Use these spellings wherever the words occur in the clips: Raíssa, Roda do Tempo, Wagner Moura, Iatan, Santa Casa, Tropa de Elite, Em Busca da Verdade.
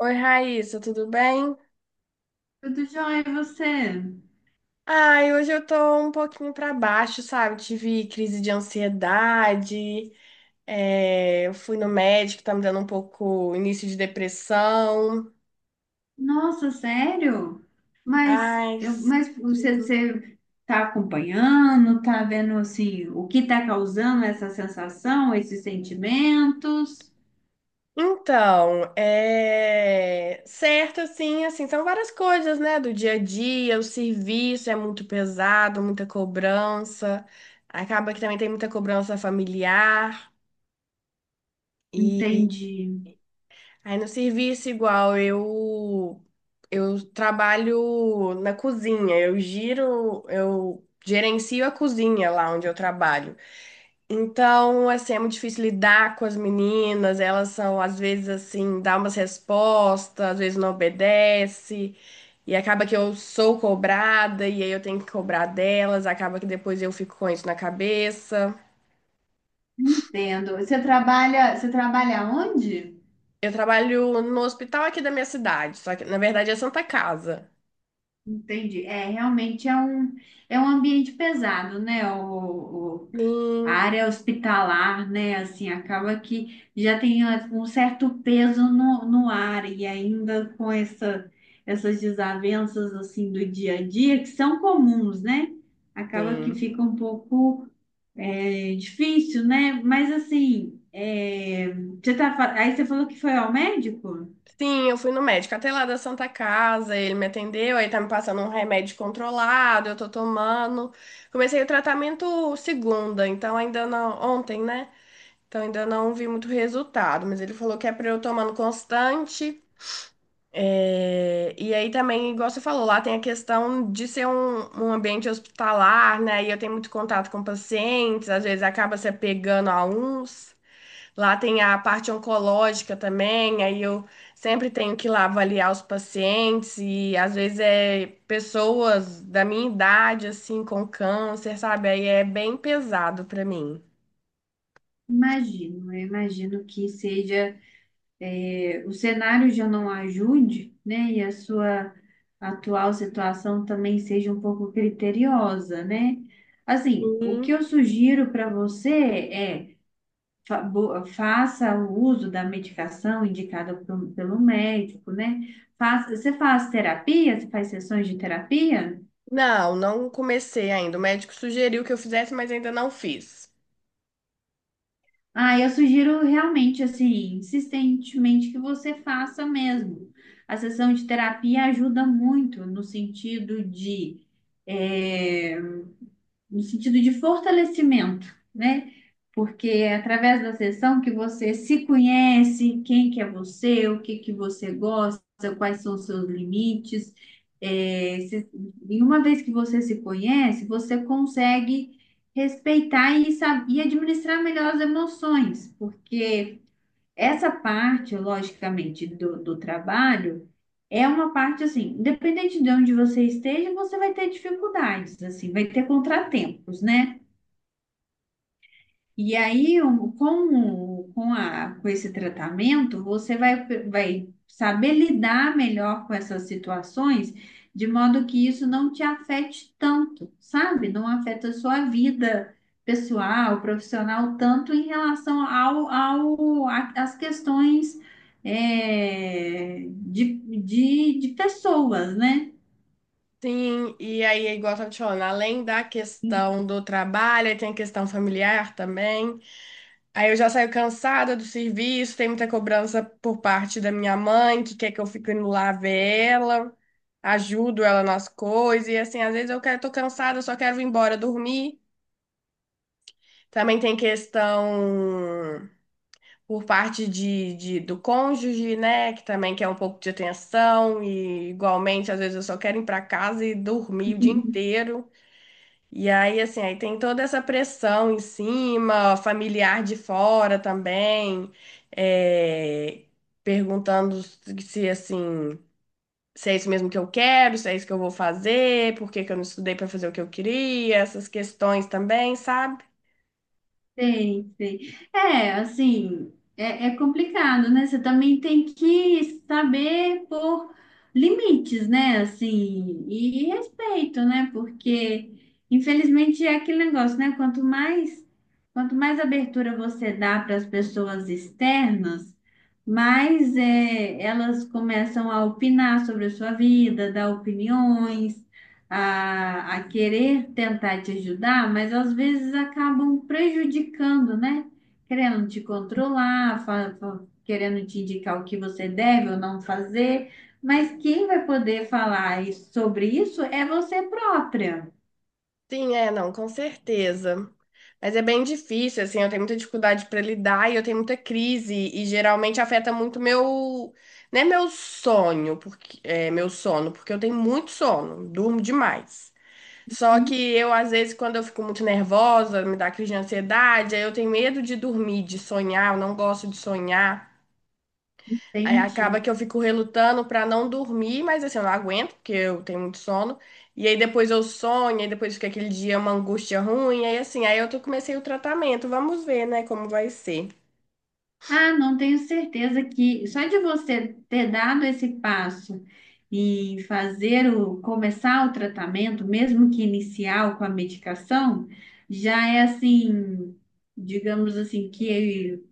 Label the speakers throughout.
Speaker 1: Oi, Raíssa, tudo bem?
Speaker 2: Tudo jóia, e você?
Speaker 1: Ai, hoje eu tô um pouquinho pra baixo, sabe? Tive crise de ansiedade, eu fui no médico, tá me dando um pouco início de depressão.
Speaker 2: Nossa, sério? Mas,
Speaker 1: Ai,
Speaker 2: eu, mas você, você tá acompanhando, tá vendo assim, o que tá causando essa sensação, esses sentimentos?
Speaker 1: então, é certo, assim, são várias coisas, né? Do dia a dia, o serviço é muito pesado, muita cobrança. Acaba que também tem muita cobrança familiar.
Speaker 2: Entendi,
Speaker 1: Aí no serviço igual, eu trabalho na cozinha, eu giro, eu gerencio a cozinha lá onde eu trabalho. Então, assim, é muito difícil lidar com as meninas, elas são às vezes assim, dá umas respostas, às vezes não obedece. E acaba que eu sou cobrada, e aí eu tenho que cobrar delas, acaba que depois eu fico com isso na cabeça.
Speaker 2: entendo. Você trabalha onde?
Speaker 1: Eu trabalho no hospital aqui da minha cidade, só que na verdade é Santa Casa.
Speaker 2: Entendi. Realmente é um ambiente pesado, né? A
Speaker 1: Sim.
Speaker 2: área hospitalar, né? Assim, acaba que já tem um certo peso no ar e ainda com essas desavenças assim do dia a dia, que são comuns, né? Acaba que
Speaker 1: Sim.
Speaker 2: fica um pouco difícil, né? Mas assim, você tá, aí você falou que foi ao médico?
Speaker 1: Sim, eu fui no médico até lá da Santa Casa, ele me atendeu, aí tá me passando um remédio controlado, eu tô tomando. Comecei o tratamento segunda, então ainda não, ontem, né? Então ainda não vi muito resultado, mas ele falou que é pra eu tomando constante. E aí também, igual você falou, lá tem a questão de ser um, um ambiente hospitalar, né? E eu tenho muito contato com pacientes, às vezes acaba se apegando a uns. Lá tem a parte oncológica também, aí eu sempre tenho que ir lá avaliar os pacientes e às vezes é pessoas da minha idade assim com câncer, sabe? Aí é bem pesado pra mim.
Speaker 2: Imagino, eu imagino que seja. O cenário já não ajude, né? E a sua atual situação também seja um pouco criteriosa, né? Assim, o
Speaker 1: Hum.
Speaker 2: que eu sugiro para você é faça o uso da medicação indicada pelo médico, né? Você faz terapia? Você faz sessões de terapia?
Speaker 1: Não, não comecei ainda. O médico sugeriu que eu fizesse, mas ainda não fiz.
Speaker 2: Ah, eu sugiro realmente, assim, insistentemente que você faça mesmo. A sessão de terapia ajuda muito no sentido de eh, no sentido de fortalecimento, né? Porque é através da sessão que você se conhece, quem que é você, o que que você gosta, quais são os seus limites. É, se- e uma vez que você se conhece, você consegue respeitar e, e administrar melhor as emoções, porque essa parte, logicamente, do trabalho é uma parte assim, independente de onde você esteja, você vai ter dificuldades, assim, vai ter contratempos, né? E aí, um, com, o- com, a, com esse tratamento, você vai saber lidar melhor com essas situações, de modo que isso não te afete tanto, sabe? Não afeta a sua vida pessoal, profissional, tanto em relação às questões, é, de, de pessoas, né?
Speaker 1: Sim, e aí, é igual eu tava te falando, além da questão do trabalho, aí tem a questão familiar também. Aí eu já saio cansada do serviço, tem muita cobrança por parte da minha mãe, que quer que eu fique indo lá ver ela, ajudo ela nas coisas, e assim, às vezes eu quero, tô cansada, só quero ir embora dormir. Também tem questão por parte de- do cônjuge, né, que também quer um pouco de atenção, e igualmente, às vezes eu só quero ir para casa e dormir o dia inteiro. E aí, assim, aí tem toda essa pressão em cima, familiar de fora também, é, perguntando se, assim, se é isso mesmo que eu quero, se é isso que eu vou fazer, por que que eu não estudei para fazer o que eu queria, essas questões também, sabe?
Speaker 2: Sei, sei. É complicado, né? Você também tem que saber pôr limites, né? Assim, e respeito, né? Porque, infelizmente, é aquele negócio, né? Quanto mais abertura você dá para as pessoas externas, mais elas começam a opinar sobre a sua vida, dar opiniões a querer tentar te ajudar, mas às vezes acabam prejudicando, né? Querendo te controlar, querendo te indicar o que você deve ou não fazer, mas quem vai poder falar sobre isso é você própria.
Speaker 1: Sim, é, não, com certeza. Mas é bem difícil, assim, eu tenho muita dificuldade para lidar e eu tenho muita crise e geralmente afeta muito meu, né, meu sonho, porque é meu sono, porque eu tenho muito sono, durmo demais. Só que eu às vezes quando eu fico muito nervosa, me dá crise de ansiedade, aí eu tenho medo de dormir, de sonhar, eu não gosto de sonhar. Aí acaba
Speaker 2: Entende?
Speaker 1: que eu fico relutando pra não dormir, mas assim, eu não aguento, porque eu tenho muito sono. E aí depois eu sonho, e depois fica aquele dia uma angústia ruim, aí assim, aí eu tô, comecei o tratamento. Vamos ver, né, como vai ser.
Speaker 2: Ah, não tenho certeza que só de você ter dado esse passo e fazer o começar o tratamento, mesmo que inicial com a medicação, já é assim, digamos assim, que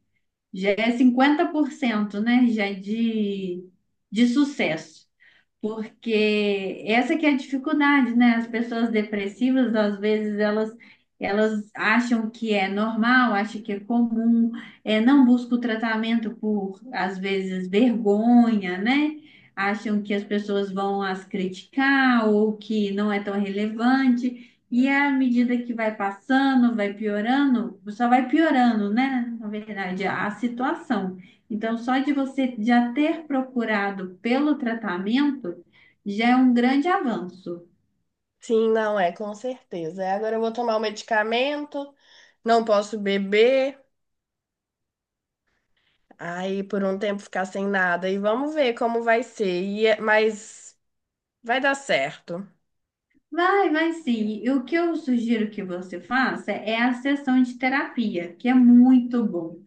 Speaker 2: já é 50%, né, já é de sucesso. Porque essa que é a dificuldade, né? As pessoas depressivas, às vezes, elas acham que é normal, acham que é comum, não buscam tratamento por, às vezes, vergonha, né? Acham que as pessoas vão as criticar ou que não é tão relevante. E à medida que vai passando, vai piorando, só vai piorando, né? Na verdade, a situação. Então, só de você já ter procurado pelo tratamento já é um grande avanço.
Speaker 1: Sim, não é, com certeza. Aí agora eu vou tomar o medicamento, não posso beber, aí por um tempo ficar sem nada e vamos ver como vai ser. E mas vai dar certo.
Speaker 2: Vai, vai sim. E o que eu sugiro que você faça é a sessão de terapia, que é muito bom.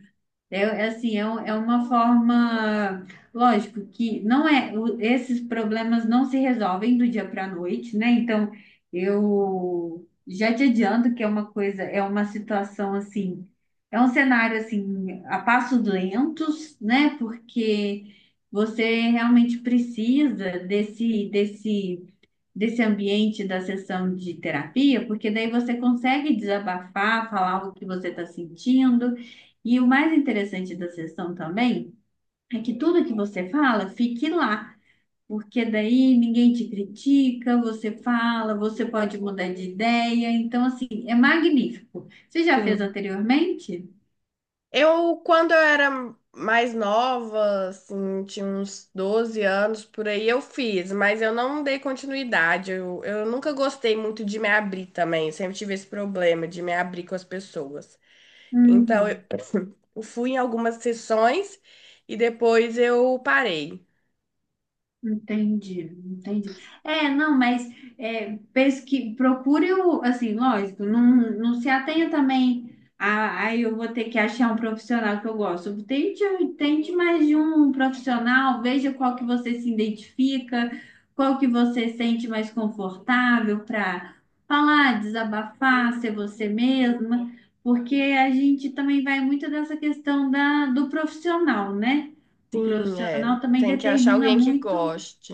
Speaker 2: É uma forma, lógico que não é, esses problemas não se resolvem do dia para a noite, né? Então, eu já te adianto que é uma coisa, é uma situação assim, é um cenário assim, a passos lentos, né? Porque você realmente precisa desse desse ambiente da sessão de terapia, porque daí você consegue desabafar, falar o que você está sentindo. E o mais interessante da sessão também é que tudo que você fala fique lá, porque daí ninguém te critica, você fala, você pode mudar de ideia. Então, assim, é magnífico. Você já fez
Speaker 1: Sim.
Speaker 2: anteriormente?
Speaker 1: Eu, quando eu era mais nova, assim, tinha uns 12 anos por aí, eu fiz, mas eu não dei continuidade. Eu nunca gostei muito de me abrir também. Eu sempre tive esse problema de me abrir com as pessoas. Então,
Speaker 2: Hum.
Speaker 1: eu fui em algumas sessões e depois eu parei.
Speaker 2: Entendi, entendi. É, não, mas é, pesqui, procure o, assim, lógico, não se atenha também a, aí eu vou ter que achar um profissional que eu gosto. Tente mais de um profissional, veja qual que você se identifica, qual que você sente mais confortável para falar, desabafar, ser você mesma, porque a gente também vai muito dessa questão do profissional, né? O
Speaker 1: Sim, é.
Speaker 2: profissional também
Speaker 1: Tem que achar
Speaker 2: determina
Speaker 1: alguém que
Speaker 2: muito
Speaker 1: goste.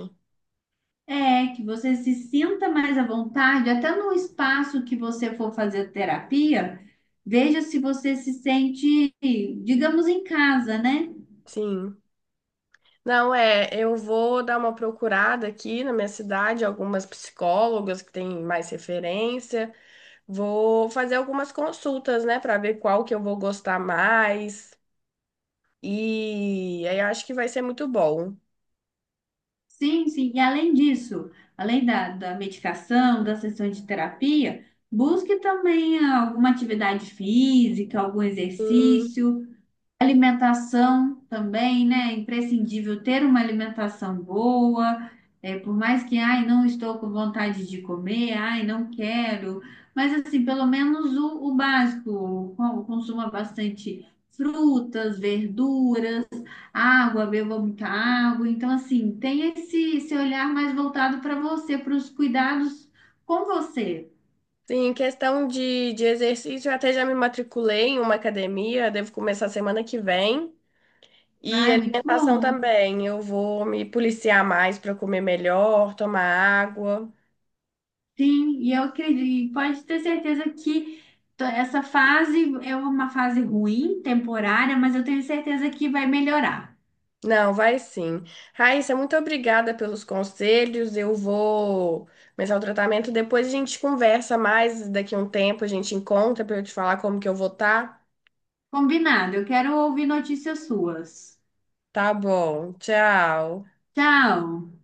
Speaker 2: que você se sinta mais à vontade, até no espaço que você for fazer terapia, veja se você se sente, digamos, em casa, né?
Speaker 1: Sim. Não, é, eu vou dar uma procurada aqui na minha cidade, algumas psicólogas que têm mais referência. Vou fazer algumas consultas, né, para ver qual que eu vou gostar mais. E aí eu acho que vai ser muito bom.
Speaker 2: Sim, sim. E além disso, além da medicação, da sessão de terapia, busque também alguma atividade física, algum
Speaker 1: Hum.
Speaker 2: exercício. Alimentação também, né? É imprescindível ter uma alimentação boa, por mais que, ai, não estou com vontade de comer, ai, não quero, mas assim, pelo menos o básico, consuma bastante frutas, verduras, água, beba muita água, então assim, tenha esse olhar mais voltado para você, para os cuidados com você.
Speaker 1: Sim, em questão de exercício, eu até já me matriculei em uma academia, devo começar semana que vem. E
Speaker 2: Ai, muito
Speaker 1: alimentação
Speaker 2: bom.
Speaker 1: também, eu vou me policiar mais para comer melhor, tomar água.
Speaker 2: Sim, e eu acredito, e pode ter certeza que essa fase é uma fase ruim, temporária, mas eu tenho certeza que vai melhorar.
Speaker 1: Não, vai sim. Raíssa, muito obrigada pelos conselhos. Eu vou começar o tratamento. Depois a gente conversa mais. Daqui a um tempo a gente encontra para eu te falar como que eu vou estar.
Speaker 2: Combinado, eu quero ouvir notícias suas.
Speaker 1: Tá bom. Tchau.
Speaker 2: Tchau.